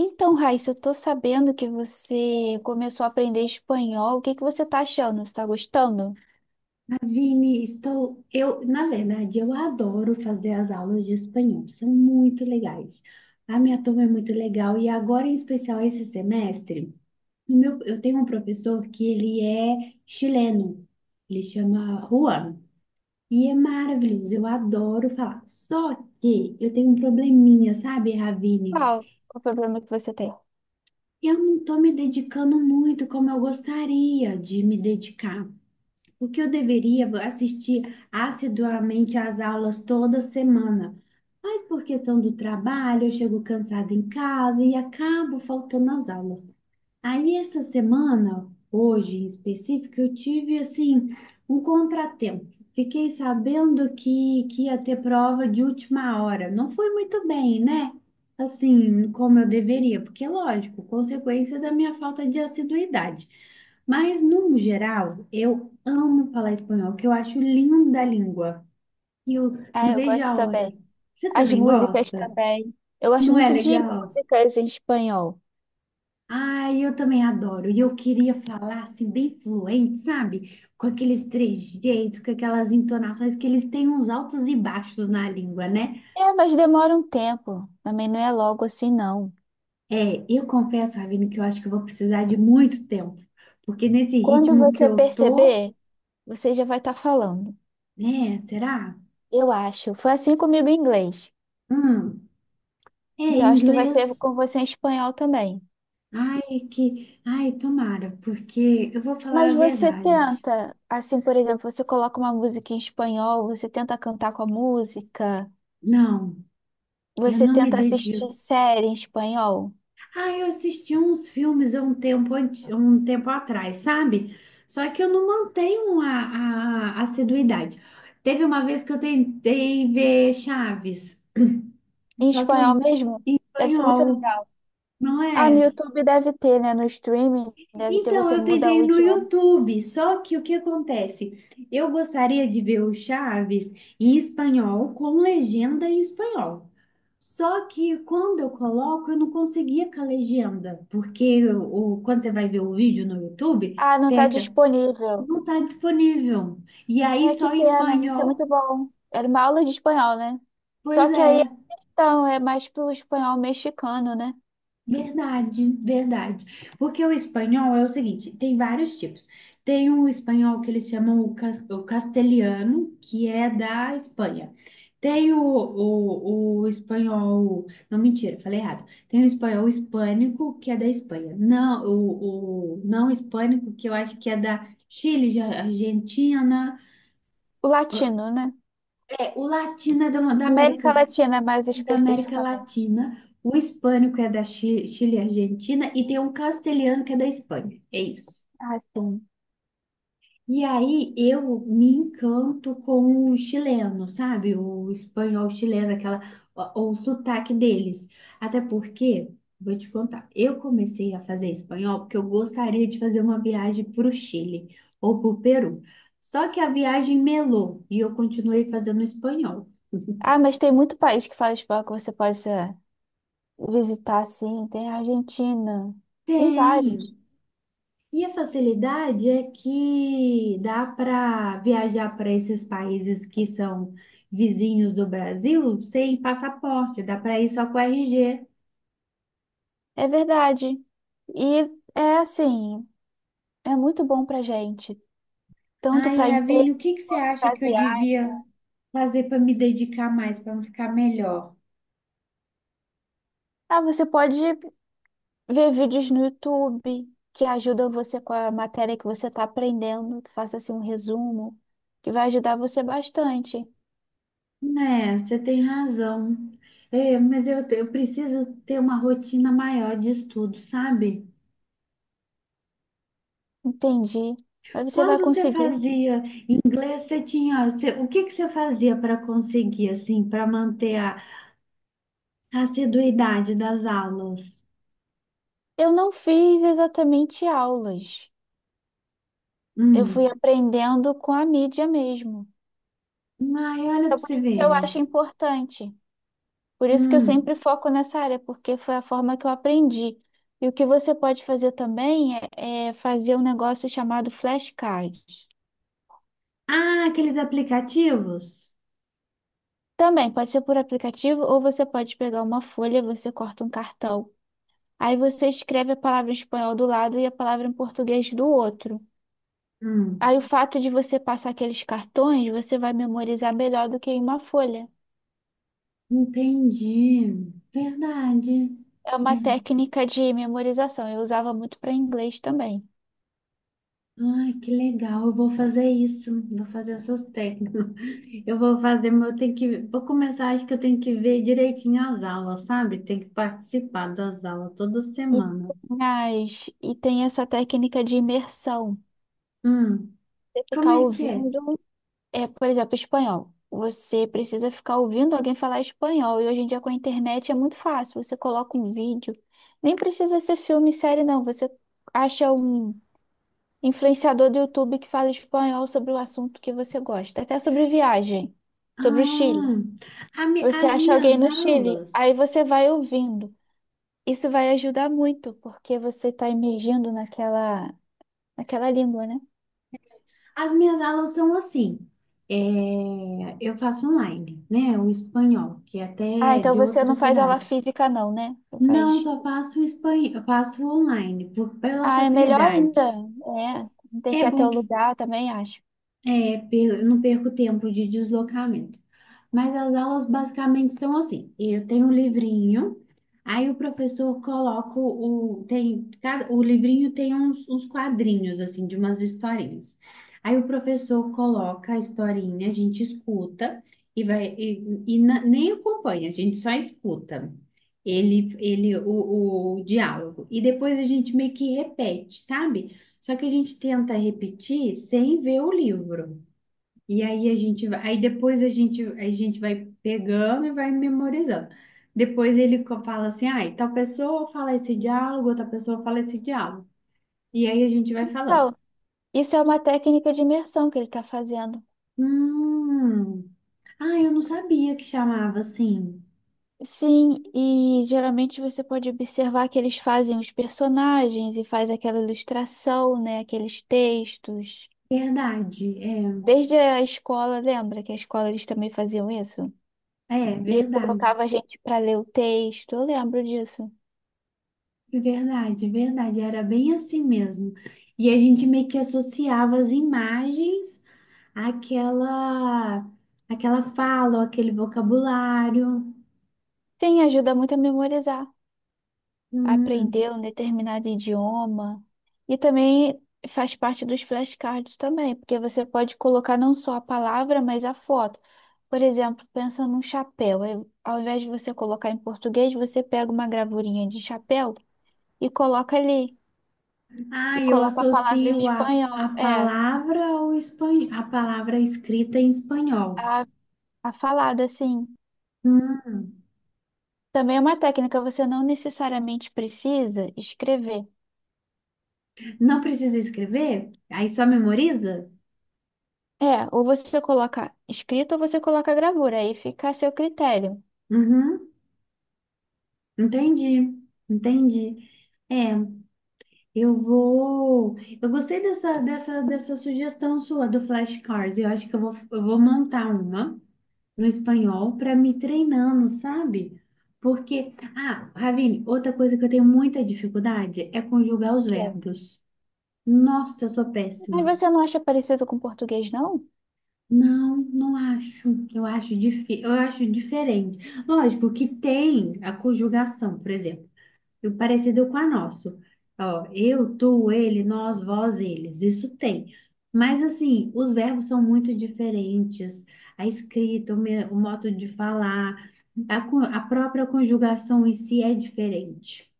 Então, Raíssa, eu tô sabendo que você começou a aprender espanhol. O que você tá achando? Você tá gostando? Vini, estou. Eu, na verdade, eu adoro fazer as aulas de espanhol, são muito legais. A minha turma é muito legal e agora, em especial, esse semestre, eu tenho um professor que ele é chileno, ele chama Juan. E é maravilhoso, eu adoro falar. Só que eu tenho um probleminha, sabe, Ravine? Qual o problema que você tem? Eu não estou me dedicando muito como eu gostaria de me dedicar porque eu deveria assistir assiduamente às aulas toda semana. Mas por questão do trabalho, eu chego cansada em casa e acabo faltando às aulas. Aí essa semana, hoje em específico, eu tive assim um contratempo. Fiquei sabendo que ia ter prova de última hora. Não foi muito bem, né? Assim, como eu deveria, porque lógico, consequência da minha falta de assiduidade. Mas, no geral, eu amo falar espanhol, que eu acho linda a língua. E eu Ah, não eu vejo gosto a hora. também. Você As também músicas gosta? também. Eu gosto Não é muito de legal? músicas em espanhol. Ai, eu também adoro. E eu queria falar assim, bem fluente, sabe? Com aqueles trejeitos, com aquelas entonações que eles têm uns altos e baixos na língua, né? É, mas demora um tempo. Também não é logo assim, não. É, eu confesso, Ravine, que eu acho que eu vou precisar de muito tempo, porque nesse Quando ritmo que você eu tô, perceber, você já vai estar falando. né? Será? Eu acho. Foi assim comigo em inglês. Hum, é Então, acho que vai ser inglês. com você em espanhol também. Ai, que. Ai, tomara, porque eu vou falar a Mas você verdade. tenta, assim, por exemplo, você coloca uma música em espanhol, você tenta cantar com a música, Não, eu você não me tenta dedico. assistir série em espanhol. Ah, eu assisti uns filmes há um tempo, um tempo atrás, sabe? Só que eu não mantenho a assiduidade. Teve uma vez que eu tentei ver Chaves, Em só que eu espanhol não mesmo? Deve ser muito espanhol, legal. não Ah, no é? YouTube deve ter, né? No streaming deve ter, Então, você eu muda tentei o no idioma. YouTube, só que o que acontece? Eu gostaria de ver o Chaves em espanhol, com legenda em espanhol. Só que quando eu coloco, eu não conseguia com a legenda, porque quando você vai ver o vídeo no YouTube, Ah, não tá teca, disponível. não está disponível. E aí É, que só em pena, ia ser espanhol. muito bom. Era uma aula de espanhol, né? Pois Só que é. aí, então, é mais pro espanhol mexicano, né? Verdade, verdade. Porque o espanhol é o seguinte, tem vários tipos. Tem o espanhol que eles chamam o castelhano, que é da Espanha. Tem o espanhol, não, mentira, falei errado. Tem o espanhol hispânico, que é da Espanha. Não, o não hispânico, que eu acho que é da Chile, de Argentina. O latino, né? É, o latino é América Latina, mais da América especificamente. Latina, o hispânico é da Chile e Argentina, e tem um castelhano que é da Espanha. É isso. Ah, sim. E aí eu me encanto com o chileno, sabe? O espanhol chileno, aquela, o sotaque deles. Até porque, vou te contar, eu comecei a fazer espanhol porque eu gostaria de fazer uma viagem para o Chile ou para o Peru. Só que a viagem melou e eu continuei fazendo espanhol. Ah, mas tem muito país que fala espanhol que você pode visitar, sim. Tem a Argentina, tem vários. Tem. E a facilidade é que dá para viajar para esses países que são vizinhos do Brasil sem passaporte, dá para ir só com RG. É verdade. E é assim, é muito bom pra gente, tanto Ai, para emprego, Ravine, o que que você acha para que eu viagem. devia fazer para me dedicar mais, para ficar melhor? Ah, você pode ver vídeos no YouTube que ajudam você com a matéria que você está aprendendo, que faça assim um resumo, que vai ajudar você bastante. É, você tem razão. É, mas eu preciso ter uma rotina maior de estudo, sabe? Entendi. Mas você vai Quando você conseguir. fazia inglês, o que que você fazia para conseguir, assim, para manter a assiduidade das aulas. Eu não fiz exatamente aulas. Eu fui Hum. aprendendo com a mídia mesmo, Ai, olha para você que eu ver. acho importante. Por isso que eu Hum. sempre foco nessa área, porque foi a forma que eu aprendi. E o que você pode fazer também é fazer um negócio chamado flashcard. Ah, aqueles aplicativos? Também pode ser por aplicativo ou você pode pegar uma folha, você corta um cartão. Aí você escreve a palavra em espanhol do lado e a palavra em português do outro. Hum. Aí o fato de você passar aqueles cartões, você vai memorizar melhor do que em uma folha. Entendi. Verdade. É uma Verdade. técnica de memorização. Eu usava muito para inglês também. Ai, que legal. Eu vou fazer isso. Vou fazer essas técnicas. Eu vou fazer, mas eu tenho que. Vou começar, acho que eu tenho que ver direitinho as aulas, sabe? Tem que participar das aulas toda E semana. Tem essa técnica de imersão. Hum. Você Como ficar é que é? ouvindo, é, por exemplo, espanhol. Você precisa ficar ouvindo alguém falar espanhol. E hoje em dia com a internet é muito fácil. Você coloca um vídeo. Nem precisa ser filme, série, não. Você acha um influenciador do YouTube que fala espanhol sobre o assunto que você gosta. Até sobre viagem, sobre o Chile. Ah, Você as acha alguém minhas no Chile, aulas. aí você vai ouvindo. Isso vai ajudar muito, porque você está imergindo naquela, naquela língua, né? As minhas aulas são assim. É, eu faço online, né? O espanhol, que é até Ah, é então de você outra não faz aula cidade. física, não, né? Você Não, faz. só faço espanhol, faço online, pela Ah, é melhor ainda. facilidade. É, não tem É que ir até bom o que lugar, eu também acho. é, eu não perco tempo de deslocamento. Mas as aulas basicamente são assim. Eu tenho um livrinho, aí o professor coloca o livrinho tem uns quadrinhos assim de umas historinhas. Aí o professor coloca a historinha, a gente escuta e vai e na- nem acompanha, a gente só escuta. O diálogo. E depois a gente meio que repete, sabe? Só que a gente tenta repetir sem ver o livro. E aí a gente vai, aí depois a gente vai pegando e vai memorizando. Depois ele fala assim, ai, tal pessoa fala esse diálogo, outra pessoa fala esse diálogo. E aí a gente vai falando. Então, isso é uma técnica de imersão que ele está fazendo. Hum, ah, eu não sabia que chamava assim. Sim, e geralmente você pode observar que eles fazem os personagens e faz aquela ilustração, né? Aqueles textos. Verdade, é, Desde a escola, lembra que a escola eles também faziam isso? é, E verdade, colocava a gente para ler o texto. Eu lembro disso. verdade, verdade, era bem assim mesmo. E a gente meio que associava as imagens àquela, àquela fala, ou aquele vocabulário. Sim, ajuda muito a memorizar, a Hum. aprender um determinado idioma. E também faz parte dos flashcards também, porque você pode colocar não só a palavra, mas a foto. Por exemplo, pensa num chapéu. Aí, ao invés de você colocar em português, você pega uma gravurinha de chapéu e coloca ali. Ah, E eu coloca a palavra em associo a espanhol. É, palavra ao espan... a palavra escrita em espanhol. a, a falada, assim. Hum, Também é uma técnica, você não necessariamente precisa escrever. não precisa escrever? Aí só memoriza? É, ou você coloca escrito ou você coloca gravura, aí fica a seu critério. Uhum, entendi, entendi. É, eu vou. Eu gostei dessa sugestão sua do flashcard. Eu acho que eu vou montar uma no espanhol para me treinando, sabe? Porque, ah, Ravine, outra coisa que eu tenho muita dificuldade é conjugar os Ok. verbos. Nossa, eu sou péssima. Mas você não acha parecido com português, não? Não, não acho. Eu acho difi... eu acho diferente. Lógico que tem a conjugação, por exemplo, e o parecido com a nossa. Ó, eu, tu, ele, nós, vós, eles. Isso tem. Mas assim, os verbos são muito diferentes. A escrita, o modo de falar, a própria conjugação em si é diferente.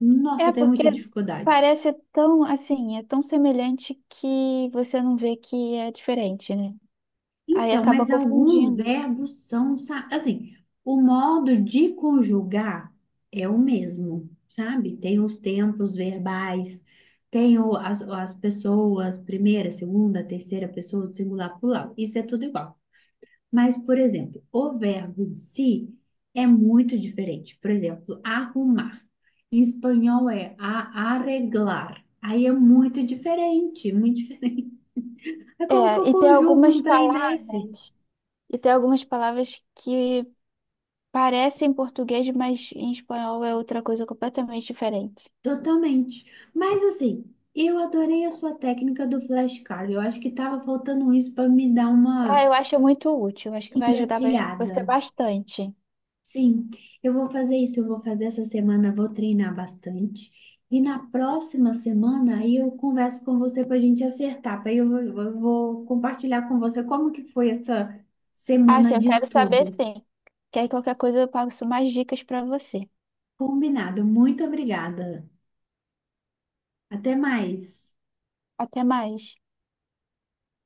Nossa, eu É, tenho porque muita dificuldade. parece tão assim, é tão semelhante que você não vê que é diferente, né? Aí Então, acaba mas alguns confundindo. verbos são, assim, o modo de conjugar é o mesmo, sabe? Tem os tempos verbais, as pessoas, primeira, segunda, terceira pessoa, do singular, plural, isso é tudo igual. Mas, por exemplo, o verbo em si é muito diferente. Por exemplo, arrumar. Em espanhol é arreglar. Aí é muito diferente, muito diferente. É como que eu É, e tem conjugo algumas um trem palavras, desse? e tem algumas palavras que parecem português, mas em espanhol é outra coisa completamente diferente. Totalmente. Mas assim, eu adorei a sua técnica do flashcard. Eu acho que tava faltando isso para me dar uma Ah, eu acho muito útil. Acho que vai ajudar gatilhada. você bastante. Sim, eu vou fazer isso, eu vou fazer essa semana, vou treinar bastante. E na próxima semana aí eu converso com você para a gente acertar. Aí eu vou compartilhar com você como que foi essa Ah, sim, semana eu de quero saber estudo. sim. Que aí qualquer coisa eu passo mais dicas para você. Combinado. Muito obrigada. Até mais. Até mais.